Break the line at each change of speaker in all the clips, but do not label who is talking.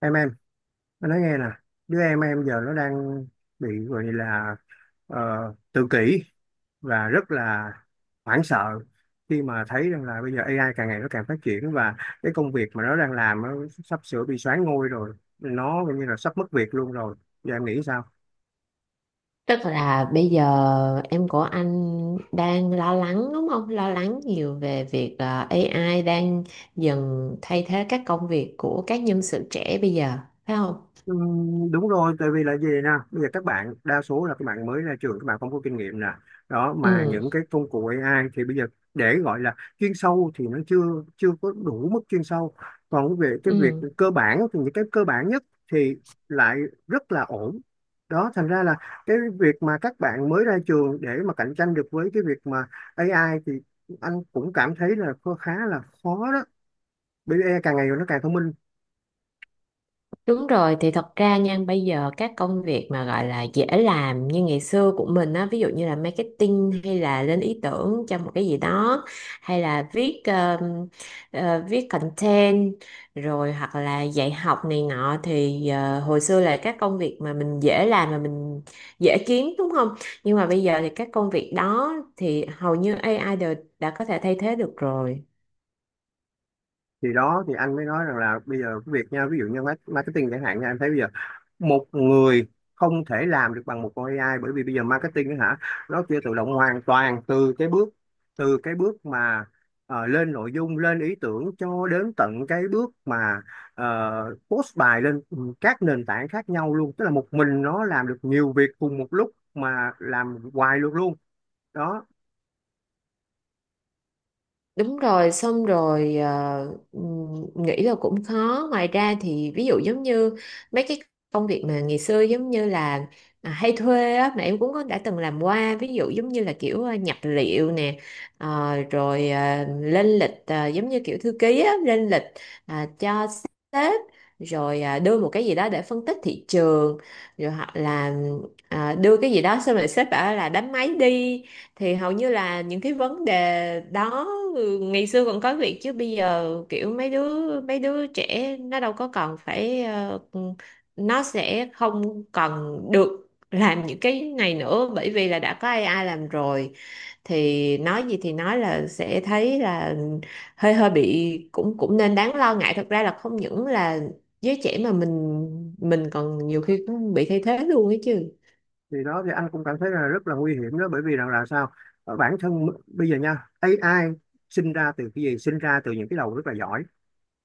Em anh nói nghe nè. Đứa em giờ nó đang bị gọi là tự kỷ, và rất là hoảng sợ khi mà thấy rằng là bây giờ AI càng ngày nó càng phát triển, và cái công việc mà nó đang làm nó sắp sửa bị soán ngôi rồi, nó gần như là sắp mất việc luôn rồi. Giờ em nghĩ sao?
Tức là bây giờ em của anh đang lo lắng đúng không? Lo lắng nhiều về việc AI đang dần thay thế các công việc của các nhân sự trẻ bây giờ, phải không?
Ừ, đúng rồi, tại vì là gì nè, bây giờ các bạn đa số là các bạn mới ra trường, các bạn không có kinh nghiệm nè, đó mà
Ừ,
những cái công cụ AI thì bây giờ để gọi là chuyên sâu thì nó chưa chưa có đủ mức chuyên sâu, còn về cái việc
ừ.
cơ bản thì những cái cơ bản nhất thì lại rất là ổn. Đó thành ra là cái việc mà các bạn mới ra trường để mà cạnh tranh được với cái việc mà AI, thì anh cũng cảm thấy là khá là khó đó, bởi vì AI càng ngày nó càng thông minh.
Đúng rồi, thì thật ra nha, bây giờ các công việc mà gọi là dễ làm như ngày xưa của mình á, ví dụ như là marketing hay là lên ý tưởng cho một cái gì đó, hay là viết content, rồi hoặc là dạy học này nọ thì hồi xưa là các công việc mà mình dễ làm mà mình dễ kiếm đúng không? Nhưng mà bây giờ thì các công việc đó thì hầu như AI đều đã có thể thay thế được rồi.
Thì đó thì anh mới nói rằng là bây giờ cái việc nha, ví dụ như marketing chẳng hạn nha, em thấy bây giờ một người không thể làm được bằng một con AI, bởi vì bây giờ marketing á hả, nó kia tự động hoàn toàn từ cái bước, từ cái bước mà lên nội dung lên ý tưởng cho đến tận cái bước mà post bài lên các nền tảng khác nhau luôn, tức là một mình nó làm được nhiều việc cùng một lúc mà làm hoài luôn luôn đó.
Đúng rồi, xong rồi nghĩ là cũng khó. Ngoài ra thì ví dụ giống như mấy cái công việc mà ngày xưa giống như là hay thuê á, mà em cũng có đã từng làm qua. Ví dụ giống như là kiểu nhập liệu nè, lên lịch giống như kiểu thư ký á, lên lịch cho sếp, rồi đưa một cái gì đó để phân tích thị trường, rồi hoặc là đưa cái gì đó xong rồi sếp bảo là đánh máy đi thì hầu như là những cái vấn đề đó ừ, ngày xưa còn có việc chứ bây giờ kiểu mấy đứa trẻ nó đâu có còn phải ừ, nó sẽ không còn được làm những cái này nữa bởi vì là đã có AI làm rồi, thì nói gì thì nói là sẽ thấy là hơi hơi bị cũng cũng nên đáng lo ngại, thật ra là không những là giới trẻ mà mình còn nhiều khi cũng bị thay thế luôn ấy chứ.
Thì đó thì anh cũng cảm thấy là rất là nguy hiểm đó, bởi vì rằng là sao? Ở bản thân bây giờ nha, AI sinh ra từ cái gì? Sinh ra từ những cái đầu rất là giỏi,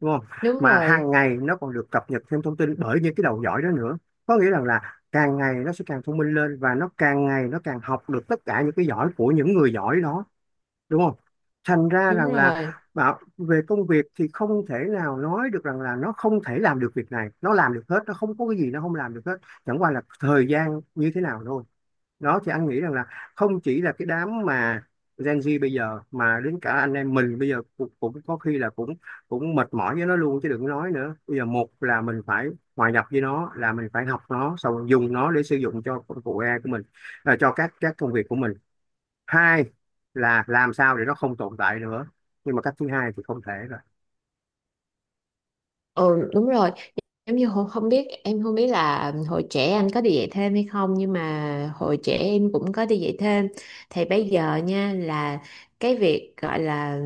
đúng không?
Đúng
Mà hàng
rồi,
ngày nó còn được cập nhật thêm thông tin bởi những cái đầu giỏi đó nữa, có nghĩa rằng là càng ngày nó sẽ càng thông minh lên, và nó càng ngày nó càng học được tất cả những cái giỏi của những người giỏi đó, đúng không? Thành ra
đúng
rằng là
rồi,
bảo về công việc thì không thể nào nói được rằng là nó không thể làm được việc này, nó làm được hết, nó không có cái gì nó không làm được hết, chẳng qua là thời gian như thế nào thôi. Đó thì anh nghĩ rằng là không chỉ là cái đám mà Gen Z bây giờ, mà đến cả anh em mình bây giờ cũng có khi là cũng cũng mệt mỏi với nó luôn, chứ đừng nói nữa. Bây giờ một là mình phải hòa nhập với nó, là mình phải học nó, xong rồi dùng nó để sử dụng cho công cụ AI của mình, à, cho các công việc của mình. Hai là làm sao để nó không tồn tại nữa, nhưng mà cách thứ hai thì không thể rồi.
ừ, đúng rồi. Giống như không biết là hồi trẻ anh có đi dạy thêm hay không, nhưng mà hồi trẻ em cũng có đi dạy thêm. Thì bây giờ nha là cái việc gọi là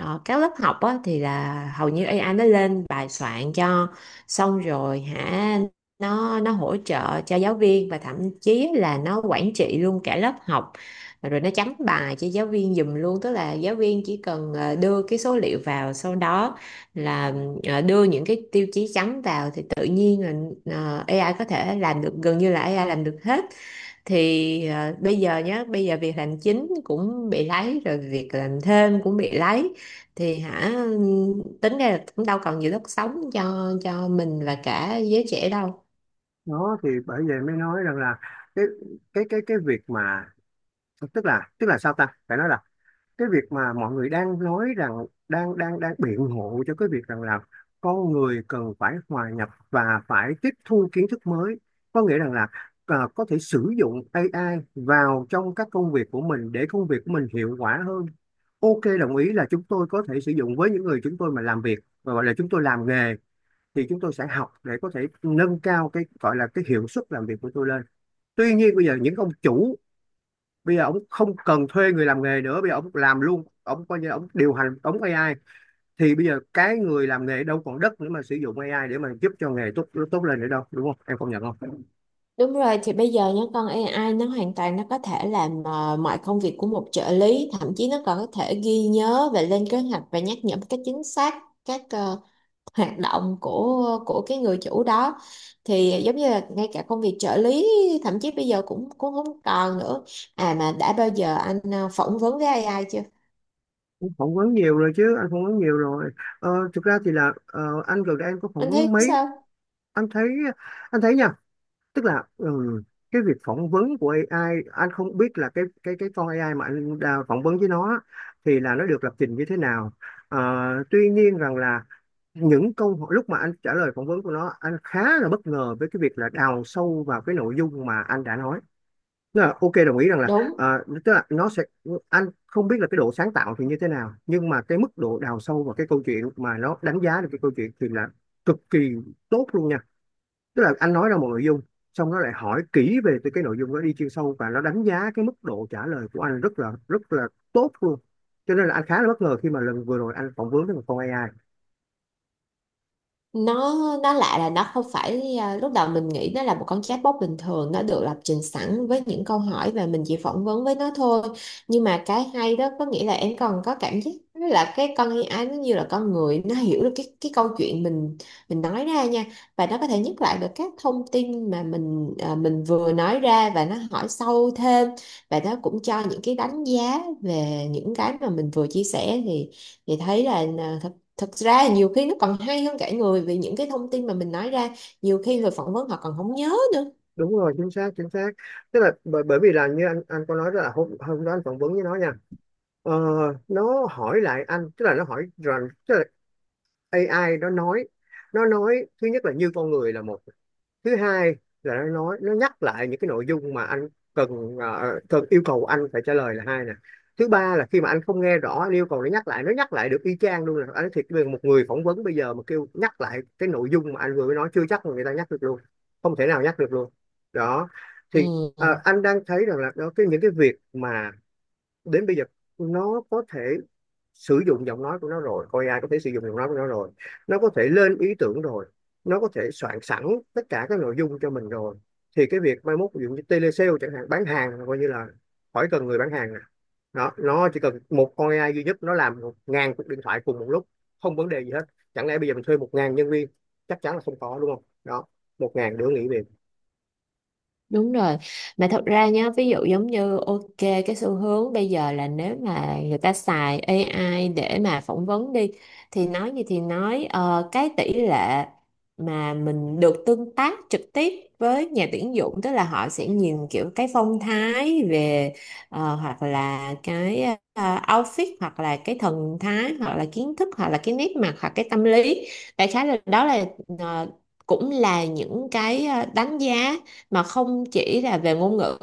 các lớp học á, thì là hầu như AI nó lên bài soạn cho xong rồi hả, nó hỗ trợ cho giáo viên và thậm chí là nó quản trị luôn cả lớp học, rồi nó chấm bài cho giáo viên giùm luôn. Tức là giáo viên chỉ cần đưa cái số liệu vào, sau đó là đưa những cái tiêu chí trắng vào thì tự nhiên là AI có thể làm được, gần như là AI làm được hết. Thì bây giờ nhá, bây giờ việc làm chính cũng bị lấy rồi, việc làm thêm cũng bị lấy thì hả, tính ra là cũng đâu còn nhiều đất sống cho mình và cả giới trẻ đâu.
Nó thì bởi vậy mới nói rằng là cái cái việc mà tức là sao ta, phải nói là cái việc mà mọi người đang nói rằng đang đang đang biện hộ cho cái việc rằng là con người cần phải hòa nhập và phải tiếp thu kiến thức mới, có nghĩa rằng là à, có thể sử dụng AI vào trong các công việc của mình để công việc của mình hiệu quả hơn. Ok, đồng ý là chúng tôi có thể sử dụng, với những người chúng tôi mà làm việc và gọi là chúng tôi làm nghề, thì chúng tôi sẽ học để có thể nâng cao cái gọi là cái hiệu suất làm việc của tôi lên. Tuy nhiên bây giờ những ông chủ, bây giờ ông không cần thuê người làm nghề nữa, bây giờ ông làm luôn, ông coi như ông điều hành ống AI. Thì bây giờ cái người làm nghề đâu còn đất nữa mà sử dụng AI để mà giúp cho nghề tốt tốt lên nữa đâu, đúng không em, công nhận không?
Đúng rồi, thì bây giờ nhá, con AI nó hoàn toàn có thể làm mọi công việc của một trợ lý, thậm chí nó còn có thể ghi nhớ và lên kế hoạch và nhắc nhở một cách chính xác các hoạt động của cái người chủ đó. Thì giống như là ngay cả công việc trợ lý thậm chí bây giờ cũng cũng không còn nữa. À mà đã bao giờ anh phỏng vấn với AI chưa?
Em phỏng vấn nhiều rồi chứ, anh phỏng vấn nhiều rồi. Thực ra thì là anh gần đây anh có phỏng
Anh thấy
vấn mấy.
sao?
Anh thấy, anh thấy nha, tức là ừ, cái việc phỏng vấn của AI, anh không biết là cái cái con AI mà anh đã phỏng vấn với nó thì là nó được lập trình như thế nào. Ờ, Tuy nhiên rằng là những câu hỏi lúc mà anh trả lời phỏng vấn của nó, anh khá là bất ngờ với cái việc là đào sâu vào cái nội dung mà anh đã nói. Tức là ok đồng ý rằng là
Đúng,
à, tức là nó sẽ, anh không biết là cái độ sáng tạo thì như thế nào, nhưng mà cái mức độ đào sâu vào cái câu chuyện mà nó đánh giá được cái câu chuyện thì là cực kỳ tốt luôn nha, tức là anh nói ra một nội dung xong nó lại hỏi kỹ về từ cái nội dung đó đi chuyên sâu, và nó đánh giá cái mức độ trả lời của anh rất là tốt luôn, cho nên là anh khá là bất ngờ khi mà lần vừa rồi anh phỏng vấn với một con AI.
nó nó lạ là nó không phải, à, lúc đầu mình nghĩ nó là một con chatbot bình thường, nó được lập trình sẵn với những câu hỏi và mình chỉ phỏng vấn với nó thôi. Nhưng mà cái hay đó có nghĩa là em còn có cảm giác là cái con AI nó như là con người, nó hiểu được cái câu chuyện mình nói ra nha, và nó có thể nhắc lại được các thông tin mà mình vừa nói ra, và nó hỏi sâu thêm, và nó cũng cho những cái đánh giá về những cái mà mình vừa chia sẻ, thì thấy là à, thật thực ra nhiều khi nó còn hay hơn cả người, vì những cái thông tin mà mình nói ra nhiều khi người phỏng vấn họ còn không nhớ nữa.
Đúng rồi, chính xác chính xác, tức là bởi vì là như anh có nói đó là hôm hôm đó anh phỏng vấn với nó nha, ờ, nó hỏi lại anh, tức là nó hỏi rằng tức là AI nó nói, nó nói thứ nhất là như con người là một, thứ hai là nó nói nó nhắc lại những cái nội dung mà anh cần, cần yêu cầu anh phải trả lời là hai nè, thứ ba là khi mà anh không nghe rõ anh yêu cầu nó nhắc lại, nó nhắc lại được y chang luôn, là anh nói thiệt với một người phỏng vấn bây giờ mà kêu nhắc lại cái nội dung mà anh vừa mới nói chưa chắc mà người ta nhắc được luôn, không thể nào nhắc được luôn. Đó thì
Ừ.
anh đang thấy rằng là đó cái những cái việc mà đến bây giờ nó có thể sử dụng giọng nói của nó rồi, coi AI có thể sử dụng giọng nói của nó rồi, nó có thể lên ý tưởng rồi, nó có thể soạn sẵn tất cả các nội dung cho mình rồi, thì cái việc mai mốt ví dụ như telesale chẳng hạn, bán hàng coi như là khỏi cần người bán hàng nè. Đó, nó chỉ cần một con AI duy nhất nó làm 1.000 cuộc điện thoại cùng một lúc không vấn đề gì hết. Chẳng lẽ bây giờ mình thuê 1.000 nhân viên? Chắc chắn là không có, đúng không? Đó, 1.000 đứa nghỉ việc.
Đúng rồi, mà thật ra nhá, ví dụ giống như ok, cái xu hướng bây giờ là nếu mà người ta xài AI để mà phỏng vấn đi, thì nói gì thì nói, cái tỷ lệ mà mình được tương tác trực tiếp với nhà tuyển dụng, tức là họ sẽ nhìn kiểu cái phong thái về hoặc là cái outfit hoặc là cái thần thái hoặc là kiến thức hoặc là cái nét mặt hoặc cái tâm lý, đại khái là đó là ờ, cũng là những cái đánh giá mà không chỉ là về ngôn ngữ.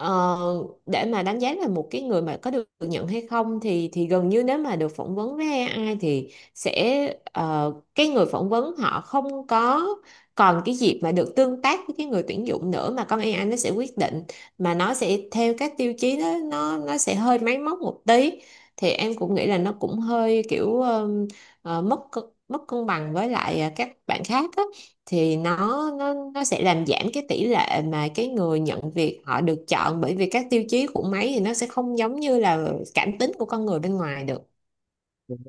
Ờ, để mà đánh giá là một cái người mà có được nhận hay không, thì gần như nếu mà được phỏng vấn với AI thì sẽ cái người phỏng vấn họ không có còn cái dịp mà được tương tác với cái người tuyển dụng nữa, mà con AI nó sẽ quyết định, mà nó sẽ theo các tiêu chí đó nó sẽ hơi máy móc một tí. Thì em cũng nghĩ là nó cũng hơi kiểu mất cân bằng với lại các bạn khác á, thì nó sẽ làm giảm cái tỷ lệ mà cái người nhận việc họ được chọn, bởi vì các tiêu chí của máy thì nó sẽ không giống như là cảm tính của con người bên ngoài được.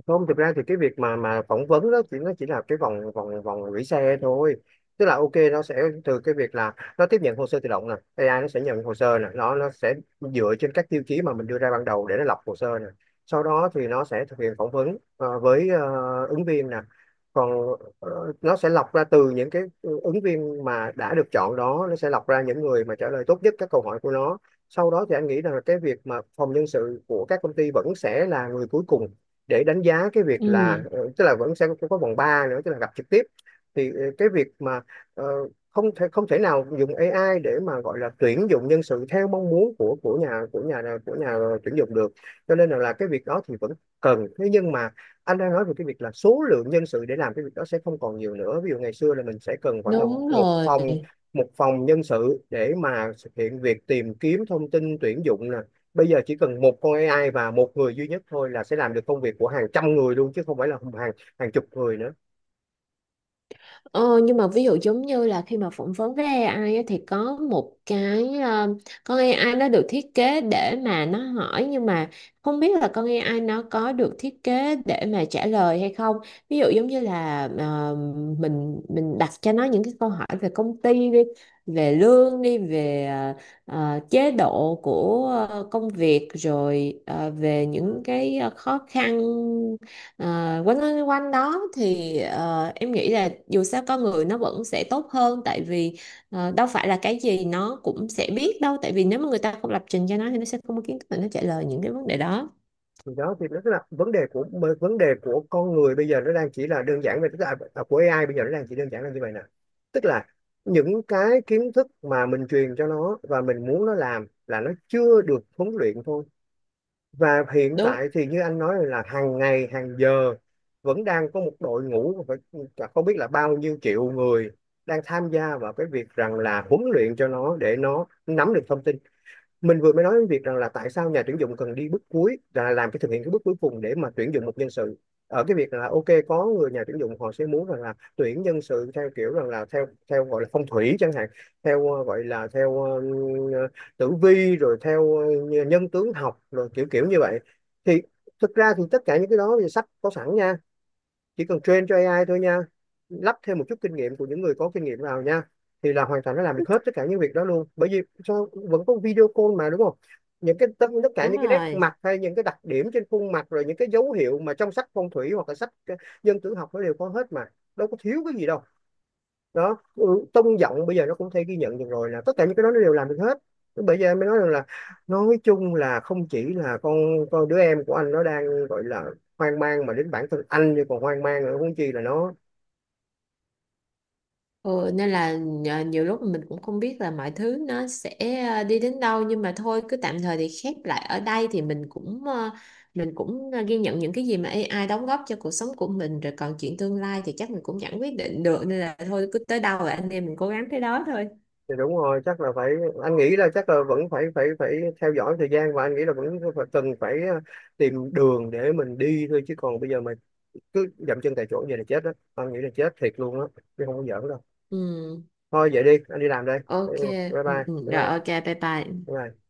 Không, thực ra thì cái việc mà phỏng vấn đó chỉ nó chỉ là cái vòng vòng vòng gửi xe thôi, tức là ok nó sẽ, từ cái việc là nó tiếp nhận hồ sơ tự động nè, AI nó sẽ nhận hồ sơ nè, nó sẽ dựa trên các tiêu chí mà mình đưa ra ban đầu để nó lọc hồ sơ nè, sau đó thì nó sẽ thực hiện phỏng vấn với ứng viên nè, còn nó sẽ lọc ra từ những cái ứng viên mà đã được chọn, đó nó sẽ lọc ra những người mà trả lời tốt nhất các câu hỏi của nó. Sau đó thì anh nghĩ rằng là cái việc mà phòng nhân sự của các công ty vẫn sẽ là người cuối cùng để đánh giá cái việc là
Ừ,
ờ, tức là vẫn sẽ có vòng 3 nữa, tức là gặp trực tiếp. Thì cái việc mà ờ, không thể, không thể nào dùng AI để mà gọi là tuyển dụng nhân sự theo mong muốn của của nhà tuyển dụng được, cho nên là, cái việc đó thì vẫn cần. Thế nhưng mà anh đang nói về cái việc là số lượng nhân sự để làm cái việc đó sẽ không còn nhiều nữa, ví dụ ngày xưa là mình sẽ cần khoảng tầm
đúng
một
rồi.
phòng, nhân sự để mà thực hiện việc tìm kiếm thông tin tuyển dụng nè, bây giờ chỉ cần một con AI và một người duy nhất thôi là sẽ làm được công việc của hàng trăm người luôn, chứ không phải là hàng hàng chục người nữa.
Ờ, nhưng mà ví dụ giống như là khi mà phỏng vấn với AI á, thì có một cái con AI nó được thiết kế để mà nó hỏi, nhưng mà không biết là con AI nó có được thiết kế để mà trả lời hay không. Ví dụ giống như là mình đặt cho nó những cái câu hỏi về công ty đi, về lương đi, về chế độ của công việc, rồi về những cái khó khăn. Ờ, quanh quanh quanh đó thì em nghĩ là dù sao con người nó vẫn sẽ tốt hơn, tại vì đâu phải là cái gì nó cũng sẽ biết đâu, tại vì nếu mà người ta không lập trình cho nó thì nó sẽ không có kiến thức để nó trả lời những cái vấn đề đó.
Thì đó thì nó là vấn đề của, vấn đề của con người bây giờ, nó đang chỉ là đơn giản về, tức là à, của AI bây giờ nó đang chỉ đơn giản là như vậy nè, tức là những cái kiến thức mà mình truyền cho nó và mình muốn nó làm là nó chưa được huấn luyện thôi. Và hiện
Đúng,
tại thì như anh nói là hàng ngày hàng giờ vẫn đang có một đội ngũ, phải cả không biết là bao nhiêu triệu người đang tham gia vào cái việc rằng là huấn luyện cho nó để nó nắm được thông tin. Mình vừa mới nói đến việc rằng là tại sao nhà tuyển dụng cần đi bước cuối là làm cái thực hiện cái bước cuối cùng để mà tuyển dụng một nhân sự, ở cái việc là ok có người nhà tuyển dụng họ sẽ muốn rằng là tuyển nhân sự theo kiểu rằng là theo theo gọi là phong thủy chẳng hạn, theo gọi là theo tử vi, rồi theo nhân tướng học rồi kiểu kiểu như vậy. Thì thực ra thì tất cả những cái đó thì sách có sẵn nha, chỉ cần train cho AI thôi nha, lắp thêm một chút kinh nghiệm của những người có kinh nghiệm vào nha, thì là hoàn toàn nó làm được hết tất cả những việc đó luôn, bởi vì sao, vẫn có video call mà, đúng không? Những cái tất cả
đúng
những cái nét
rồi.
mặt hay những cái đặc điểm trên khuôn mặt, rồi những cái dấu hiệu mà trong sách phong thủy hoặc là sách dân tử học nó đều có hết mà, đâu có thiếu cái gì đâu. Đó, ừ, tông giọng bây giờ nó cũng có thể ghi nhận được rồi, là tất cả những cái đó nó đều làm được hết. Bây giờ em mới nói rằng là nói chung là không chỉ là con đứa em của anh nó đang gọi là hoang mang, mà đến bản thân anh như còn hoang mang nữa, huống chi là nó.
Ừ, nên là nhiều lúc mình cũng không biết là mọi thứ nó sẽ đi đến đâu, nhưng mà thôi cứ tạm thời thì khép lại ở đây, thì mình cũng ghi nhận những cái gì mà AI đóng góp cho cuộc sống của mình rồi, còn chuyện tương lai thì chắc mình cũng chẳng quyết định được, nên là thôi cứ tới đâu là anh em mình cố gắng tới đó thôi.
Thì đúng rồi chắc là phải, anh nghĩ là chắc là vẫn phải phải phải theo dõi thời gian, và anh nghĩ là cần phải tìm đường để mình đi thôi, chứ còn bây giờ mà cứ dậm chân tại chỗ vậy là chết đó, anh nghĩ là chết thiệt luôn á, chứ không có giỡn đâu.
Ừ,
Thôi vậy đi, anh đi làm đây. Ừ,
ok,
bye bye bye
ừ, ừ,
bye
rồi ok,
bye,
bye bye.
bye.